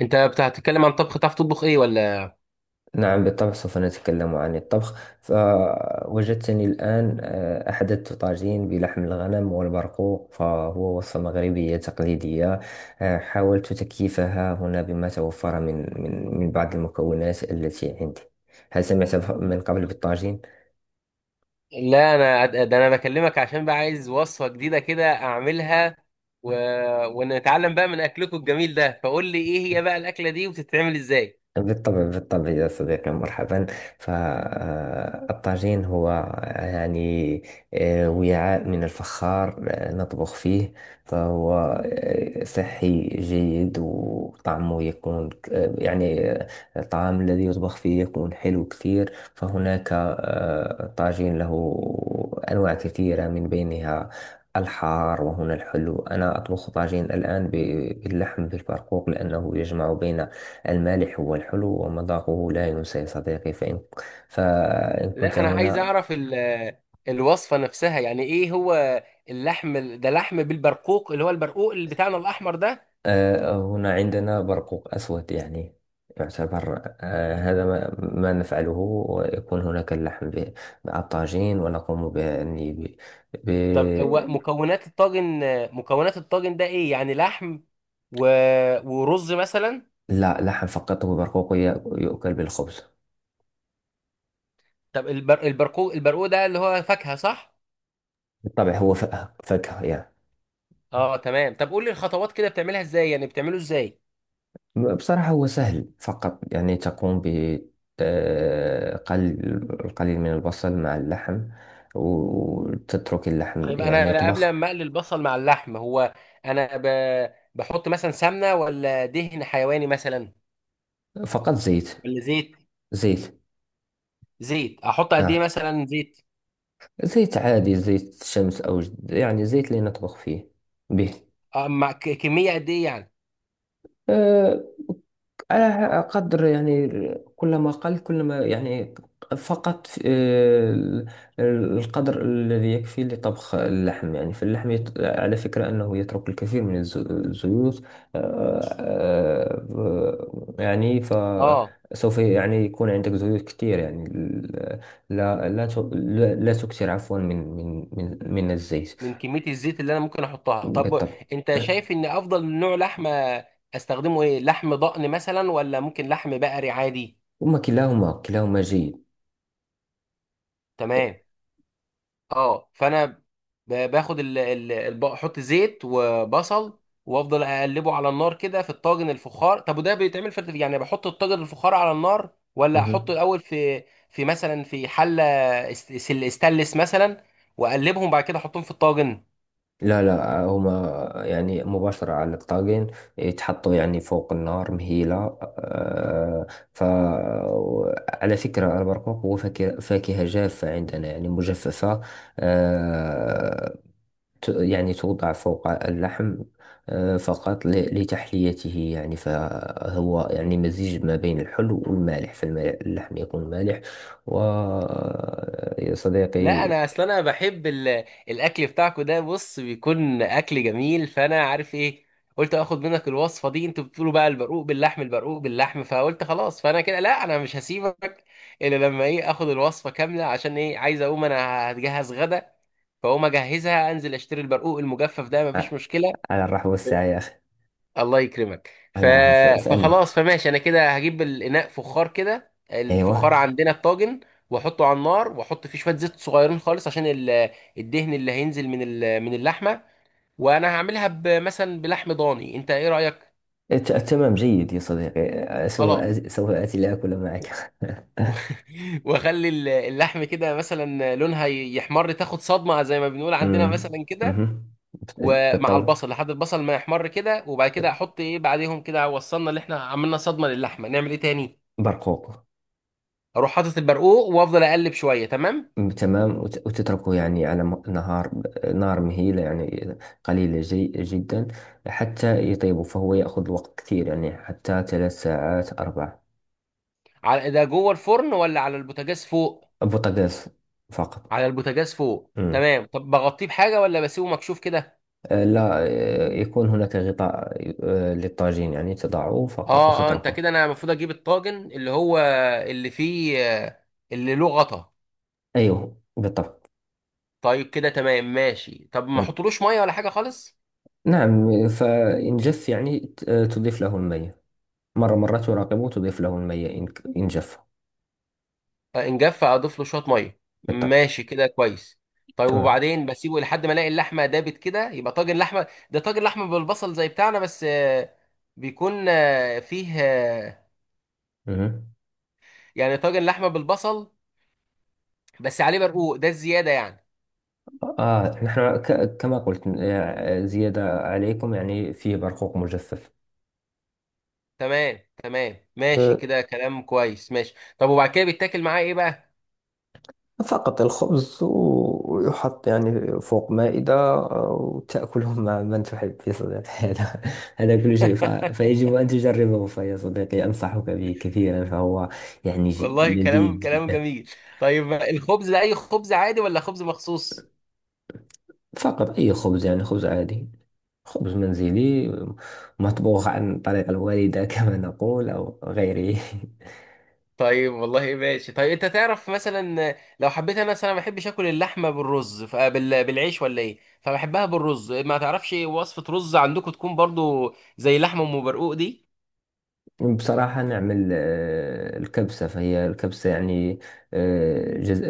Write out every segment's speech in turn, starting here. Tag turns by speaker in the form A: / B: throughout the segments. A: انت بتتكلم عن طبخ، تعرف تطبخ ايه ولا؟
B: نعم، بالطبع سوف نتكلم عن الطبخ. فوجدتني الآن أحدثت طاجين بلحم الغنم والبرقوق، فهو وصفة مغربية تقليدية. حاولت تكييفها هنا بما توفر من بعض المكونات التي عندي. هل سمعت من قبل بالطاجين؟
A: لا، انا بكلمك عشان بقى عايز وصفة جديدة كده اعملها و... ونتعلم بقى من اكلكم الجميل ده. فقول لي ايه هي بقى الاكلة دي وبتتعمل ازاي؟
B: بالطبع بالطبع يا صديقي، مرحبا. فالطاجين هو يعني وعاء من الفخار نطبخ فيه. فهو صحي جيد، وطعمه يكون يعني الطعام الذي يطبخ فيه يكون حلو كثير. فهناك طاجين له أنواع كثيرة، من بينها الحار وهنا الحلو. أنا أطبخ طاجين الآن باللحم بالبرقوق، لأنه يجمع بين المالح هو الحلو، ومذاقه لا ينسى يا صديقي. فإن كنت
A: لا، انا عايز
B: هنا.
A: اعرف الوصفة نفسها، يعني ايه هو اللحم ده؟ لحم بالبرقوق، اللي هو البرقوق اللي بتاعنا الاحمر ده؟
B: هنا عندنا برقوق أسود، يعني يعتبر هذا ما نفعله. ويكون هناك اللحم مع الطاجين، ونقوم ب يعني ب...
A: طب هو مكونات الطاجن، مكونات الطاجن ده ايه؟ يعني لحم و... ورز مثلا؟
B: لا، لحم فقط وبرقوق. يؤكل بالخبز.
A: طب البرقوق، البرقوق ده اللي هو فاكهة صح؟
B: بالطبع، هو فاكهة يعني.
A: اه تمام. طب قول لي الخطوات كده بتعملها ازاي، يعني بتعمله ازاي؟
B: بصراحة هو سهل، فقط يعني تقوم ب آه، قل- القليل من البصل مع اللحم، وتترك اللحم
A: طيب
B: يعني
A: انا قبل
B: يطبخ.
A: ما اقلي البصل مع اللحم، هو انا ب... بحط مثلا سمنه ولا دهن حيواني مثلا
B: فقط زيت.
A: ولا زيت؟
B: زيت.
A: زيت احط قد ايه
B: نعم،
A: مثلا زيت؟
B: زيت عادي، زيت شمس، يعني زيت اللي نطبخ فيه به.
A: آه، مع كميه قد ايه يعني؟
B: آه، أنا أقدر يعني كلما قل كلما يعني فقط القدر الذي يكفي لطبخ اللحم. يعني فاللحم على فكرة أنه يترك الكثير من الزيوت. آه، يعني
A: اه،
B: فسوف يعني يكون عندك زيوت كثير يعني لا لا لا تكثر عفوا من الزيت.
A: من كميه الزيت اللي انا ممكن احطها. طب
B: بالطبع.
A: انت شايف ان افضل نوع لحمه استخدمه ايه؟ لحم ضأن مثلا ولا ممكن لحم بقري عادي؟
B: هما كلاهما، جيد.
A: تمام. اه، فانا باخد احط زيت وبصل وافضل اقلبه على النار كده في الطاجن الفخار. طب وده بيتعمل في، يعني بحط الطاجن الفخار على النار ولا احطه
B: مهم.
A: الاول في في مثلا في حله است- ستانلس مثلا واقلبهم بعد كده احطهم في الطاجن؟
B: لا لا، هما يعني مباشرة على الطاجين يتحطوا، يعني فوق النار مهيلة. آه، ف على فكرة البرقوق هو فاكهة، جافة عندنا، يعني مجففة. آه، يعني توضع فوق اللحم فقط لتحليته، يعني فهو يعني مزيج ما بين الحلو والمالح، فاللحم يكون مالح. ويا
A: لا
B: صديقي
A: انا اصل انا بحب الاكل بتاعكو ده، بص، بيكون اكل جميل، فانا عارف ايه، قلت اخد منك الوصفه دي. انتوا بتقولوا بقى البرقوق باللحم، البرقوق باللحم، فقلت خلاص. فانا كده لا، انا مش هسيبك الا لما ايه، اخد الوصفه كامله، عشان ايه، عايز اقوم انا هتجهز غدا، فاقوم اجهزها، انزل اشتري البرقوق المجفف ده،
B: ع-
A: مفيش مشكله.
B: على الرحب والسعة يا أخي.
A: الله يكرمك.
B: على الرحب، اسألني.
A: فخلاص، فماشي، انا كده هجيب الاناء فخار كده، الفخار
B: أيوة.
A: عندنا الطاجن، واحطه على النار، واحط فيه شويه زيت صغيرين خالص عشان الدهن اللي هينزل من من اللحمه، وانا هعملها مثلا بلحم ضاني، انت ايه رايك؟
B: تمام جيد يا صديقي،
A: خلاص.
B: سوف آتي لآكل
A: و-
B: معك.
A: و- واخلي اللحم كده مثلا لونها يحمر، تاخد صدمه زي ما بنقول عندنا
B: أمم،
A: مثلا كده،
B: مهم.
A: ومع
B: بالطبع،
A: البصل لحد البصل ما يحمر كده، وبعد كده احط ايه بعديهم كده؟ وصلنا اللي احنا عملنا صدمه للحمه، نعمل ايه تاني؟
B: برقوق.
A: اروح حاطط البرقوق وافضل اقلب شويه، تمام.
B: أمم، تمام. وتتركه يعني على م- نهار نار مهيلة، يعني قليلة جي جدا، حتى يطيب. فهو يأخذ وقت كثير، يعني حتى ثلاث ساعات أربع.
A: على ده جوه الفرن ولا على البوتاجاز فوق؟
B: بوتاغاز فقط.
A: على البوتاجاز فوق،
B: أمم.
A: تمام. طب بغطيه بحاجه ولا بسيبه مكشوف كده؟
B: لا، يكون هناك غطاء للطاجين، يعني تضعه فقط
A: اه اه، انت
B: وتتركه.
A: كده انا المفروض اجيب الطاجن اللي هو اللي فيه اللي له غطا.
B: أيوه بالطبع.
A: طيب كده تمام، ماشي. طب ما احطلوش ميه ولا حاجه خالص؟
B: نعم، فإن جف يعني تضيف له المية، مرة مرة تراقبه تضيف له المية إن جف.
A: ان جف اضيف له شويه ميه.
B: بالطبع.
A: ماشي كده كويس. طيب
B: تمام.
A: وبعدين بسيبه لحد ما الاقي اللحمه دابت كده، يبقى طاجن لحمه. ده طاجن لحمه بالبصل زي بتاعنا، بس بيكون فيه
B: مهم.
A: يعني طاجن لحمه بالبصل بس عليه برقوق، ده الزياده يعني.
B: آه، نحن كما قلت زيادة عليكم، يعني فيه برقوق مجفف.
A: تمام تمام، ماشي
B: آه،
A: كده، كلام كويس. ماشي طب وبعد كده بيتاكل معاه ايه بقى؟
B: فقط الخبز، ويحط يعني فوق مائدة وتأكله مع من تحب يا صديقي. هذا كل شيء. فيجب أن تجربه، فيا صديقي أنصحك به كثيرا، فهو يعني
A: والله
B: لذيذ
A: كلام، كلام
B: جدا.
A: جميل. طيب الخبز ده اي خبز عادي ولا خبز مخصوص؟
B: فقط أي خبز، يعني خبز عادي، خبز منزلي مطبوخ عن طريق الوالدة كما نقول أو غيره.
A: طيب والله، ماشي. طيب انت تعرف مثلا لو حبيت انا مثلا، ما بحبش اكل اللحمه بالرز، بالعيش ولا ايه، فبحبها بالرز، ما تعرفش وصفه رز عندكم تكون برضو زي لحمه ام برقوق دي؟
B: بصراحة نعمل الكبسة، فهي الكبسة يعني آه، جز... آه،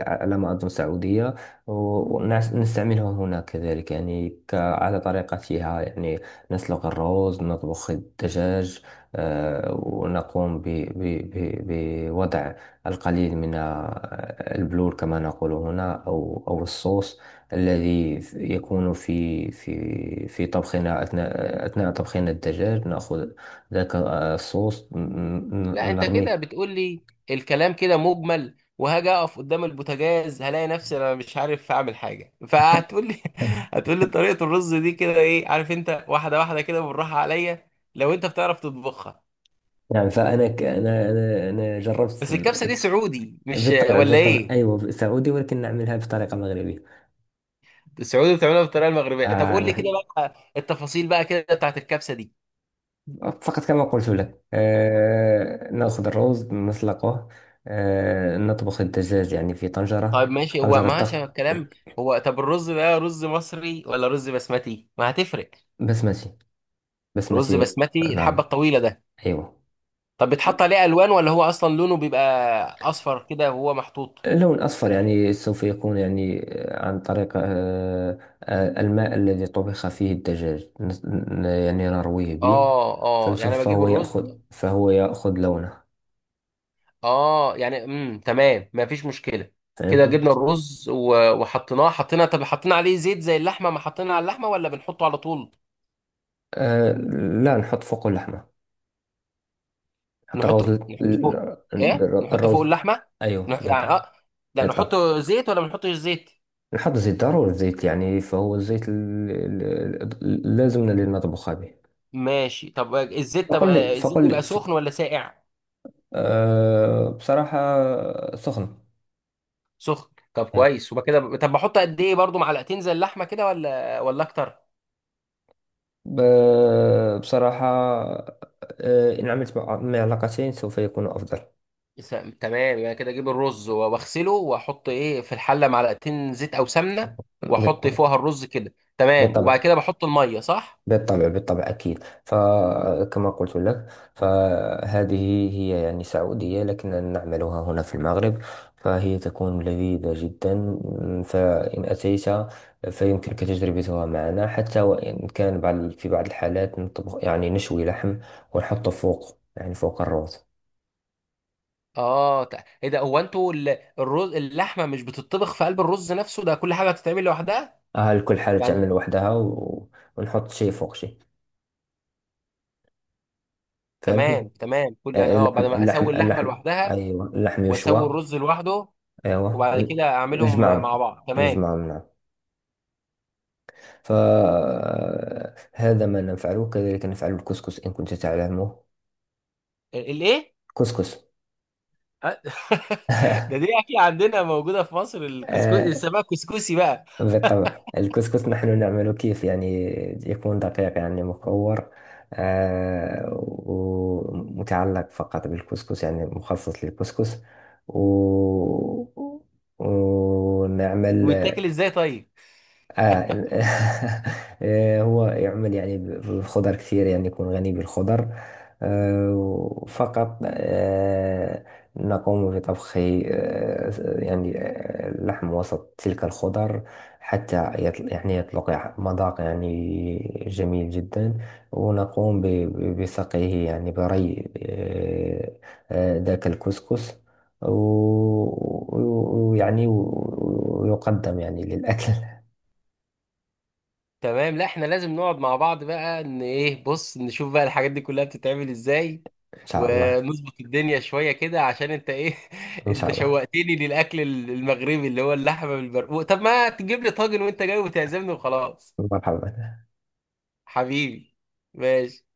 B: آه، على ما أظن سعودية، ونستعملها هنا كذلك، يعني ك... على طريقتها يعني. نسلق الرز، نطبخ الدجاج ونقوم بوضع القليل من البلور كما نقول هنا، أو أو الصوص الذي يكون في طبخنا، أثناء طبخنا الدجاج نأخذ ذاك الصوص
A: لا انت كده
B: نرميه.
A: بتقول لي الكلام كده مجمل، وهاجي اقف قدام البوتاجاز هلاقي نفسي انا مش عارف اعمل حاجه، فهتقول لي هتقول لي طريقه الرز دي كده، ايه عارف، انت واحده واحده كده بالراحه عليا، لو انت بتعرف تطبخها.
B: نعم، فأنا أنا جربت
A: بس الكبسه دي سعودي مش
B: بالطبع
A: ولا
B: بالطبع،
A: ايه؟
B: أيوة سعودي، ولكن نعملها بطريقة مغربية.
A: السعودي بتعملها بالطريقه المغربيه؟ طب
B: آه،
A: قول لي كده
B: نحن
A: بقى التفاصيل بقى كده بتاعت الكبسه دي.
B: فقط كما قلت لك، آه، نأخذ الروز نسلقه، آه، نطبخ الدجاج يعني في
A: طيب
B: طنجرة،
A: ماشي، هو
B: ضغط.
A: ماشي الكلام. هو طب الرز ده رز مصري ولا رز بسمتي؟ ما هتفرق؟
B: بسمتي.
A: رز
B: بسمتي.
A: بسمتي الحبه
B: نعم.
A: الطويله ده؟
B: أيوة.
A: طب بتحط عليه الوان ولا هو اصلا لونه بيبقى اصفر كده وهو محطوط؟
B: اللون الأصفر يعني سوف يكون يعني عن طريق الماء الذي طبخ فيه الدجاج يعني نرويه به.
A: اه اه، يعني
B: فنشوف،
A: أنا بجيب الرز.
B: فهو يأخذ لونه.
A: اه يعني امم، تمام، ما فيش مشكله. كده
B: فهمتني؟
A: جبنا الرز وحطيناه، حطينا، طب حطينا عليه زيت زي اللحمه ما حطينا على اللحمه ولا بنحطه على طول؟
B: آه، لا، نحط فوق اللحمة نحط
A: نحط،
B: الروز.
A: نحط فوق ايه؟ نحط فوق
B: الروز.
A: اللحمه؟
B: أيوه
A: يعني
B: بالطبع.
A: اه، لا نحط
B: بالطبع.
A: زيت ولا ما نحطش زيت؟
B: نحط زيت ضروري، الزيت يعني فهو الزيت اللازم للمطبخ به.
A: ماشي. طب الزيت، طب
B: فقل لي
A: الزيت
B: فقل
A: بيبقى
B: لي
A: سخن
B: فق...
A: ولا ساقع؟
B: آه، بصراحة سخن.
A: سخن، طب كويس. وبقى كده طب بحط قد ايه، برضو معلقتين زي اللحمه كده ولا اكتر؟
B: بصراحة إن عملت مع علاقتين سوف يكون أفضل.
A: س- تمام، يعني كده اجيب الرز واغسله واحط ايه في الحله، معلقتين زيت او سمنه، واحط
B: بالطبع.
A: فوقها الرز كده تمام، وبعد
B: بالطبع
A: كده بحط الميه صح؟
B: بالطبع أكيد، فكما قلت لك، فهذه هي يعني سعودية، لكننا نعملها هنا في المغرب، فهي تكون لذيذة جدا. فإن أتيت فيمكنك تجربتها معنا. حتى وإن كان بعض في بعض الحالات نطبخ يعني نشوي لحم ونحطه فوق يعني فوق الرز.
A: اه ايه ده، هو انتوا الرز اللحمه مش بتطبخ في قلب الرز نفسه، ده كل حاجه هتتعمل لوحدها
B: اه، الكل حاجة
A: يعني؟
B: تعمل لوحدها و... ونحط شي فوق شي. فهمتني؟
A: تمام تمام، كل يعني اه بعد ما اسوي اللحمه
B: اللحم.
A: لوحدها
B: ايوه، اللحم
A: واسوي
B: يشوى.
A: الرز لوحده
B: ايوه.
A: وبعد كده اعملهم مع
B: نجمعهم
A: بعض، تمام.
B: نجمعهم، نعم. فهذا ما نفعله، كذلك نفعل الكسكس ان كنت تعلمه.
A: الايه؟
B: كسكس.
A: أ- ده دي اكيد عندنا موجوده في مصر، الكسكسي السمك كسكسي بقى.
B: بالطبع، الكسكس نحن نعمله كيف يعني يكون دقيق يعني مكور، آه، ومتعلق فقط بالكسكس يعني مخصص للكسكس. و... ونعمل
A: ويتاكل ازاي طيب؟
B: آه. هو يعمل يعني بالخضر كثير، يعني يكون غني بالخضر. آه، فقط آه، نقوم بطبخ آه، يعني اللحم وسط تلك الخضر، حتى يطل يعني يطلق مذاق يعني جميل جدا. ونقوم بسقيه يعني بري ذاك الكسكس، و- و- ويعني و- ويقدم يعني للأكل.
A: تمام. لا احنا لازم نقعد مع بعض بقى، ان ايه، بص نشوف بقى الحاجات دي كلها بتتعمل ازاي،
B: إن شاء الله.
A: ونظبط الدنيا شوية كده عشان انت ايه
B: إن
A: انت
B: شاء الله،
A: شوقتني للاكل المغربي اللي هو اللحمة بالبرقوق. طب ما تجيب لي طاجن وانت جاي وتعزمني وخلاص.
B: مرحبا.
A: حبيبي، ماشي.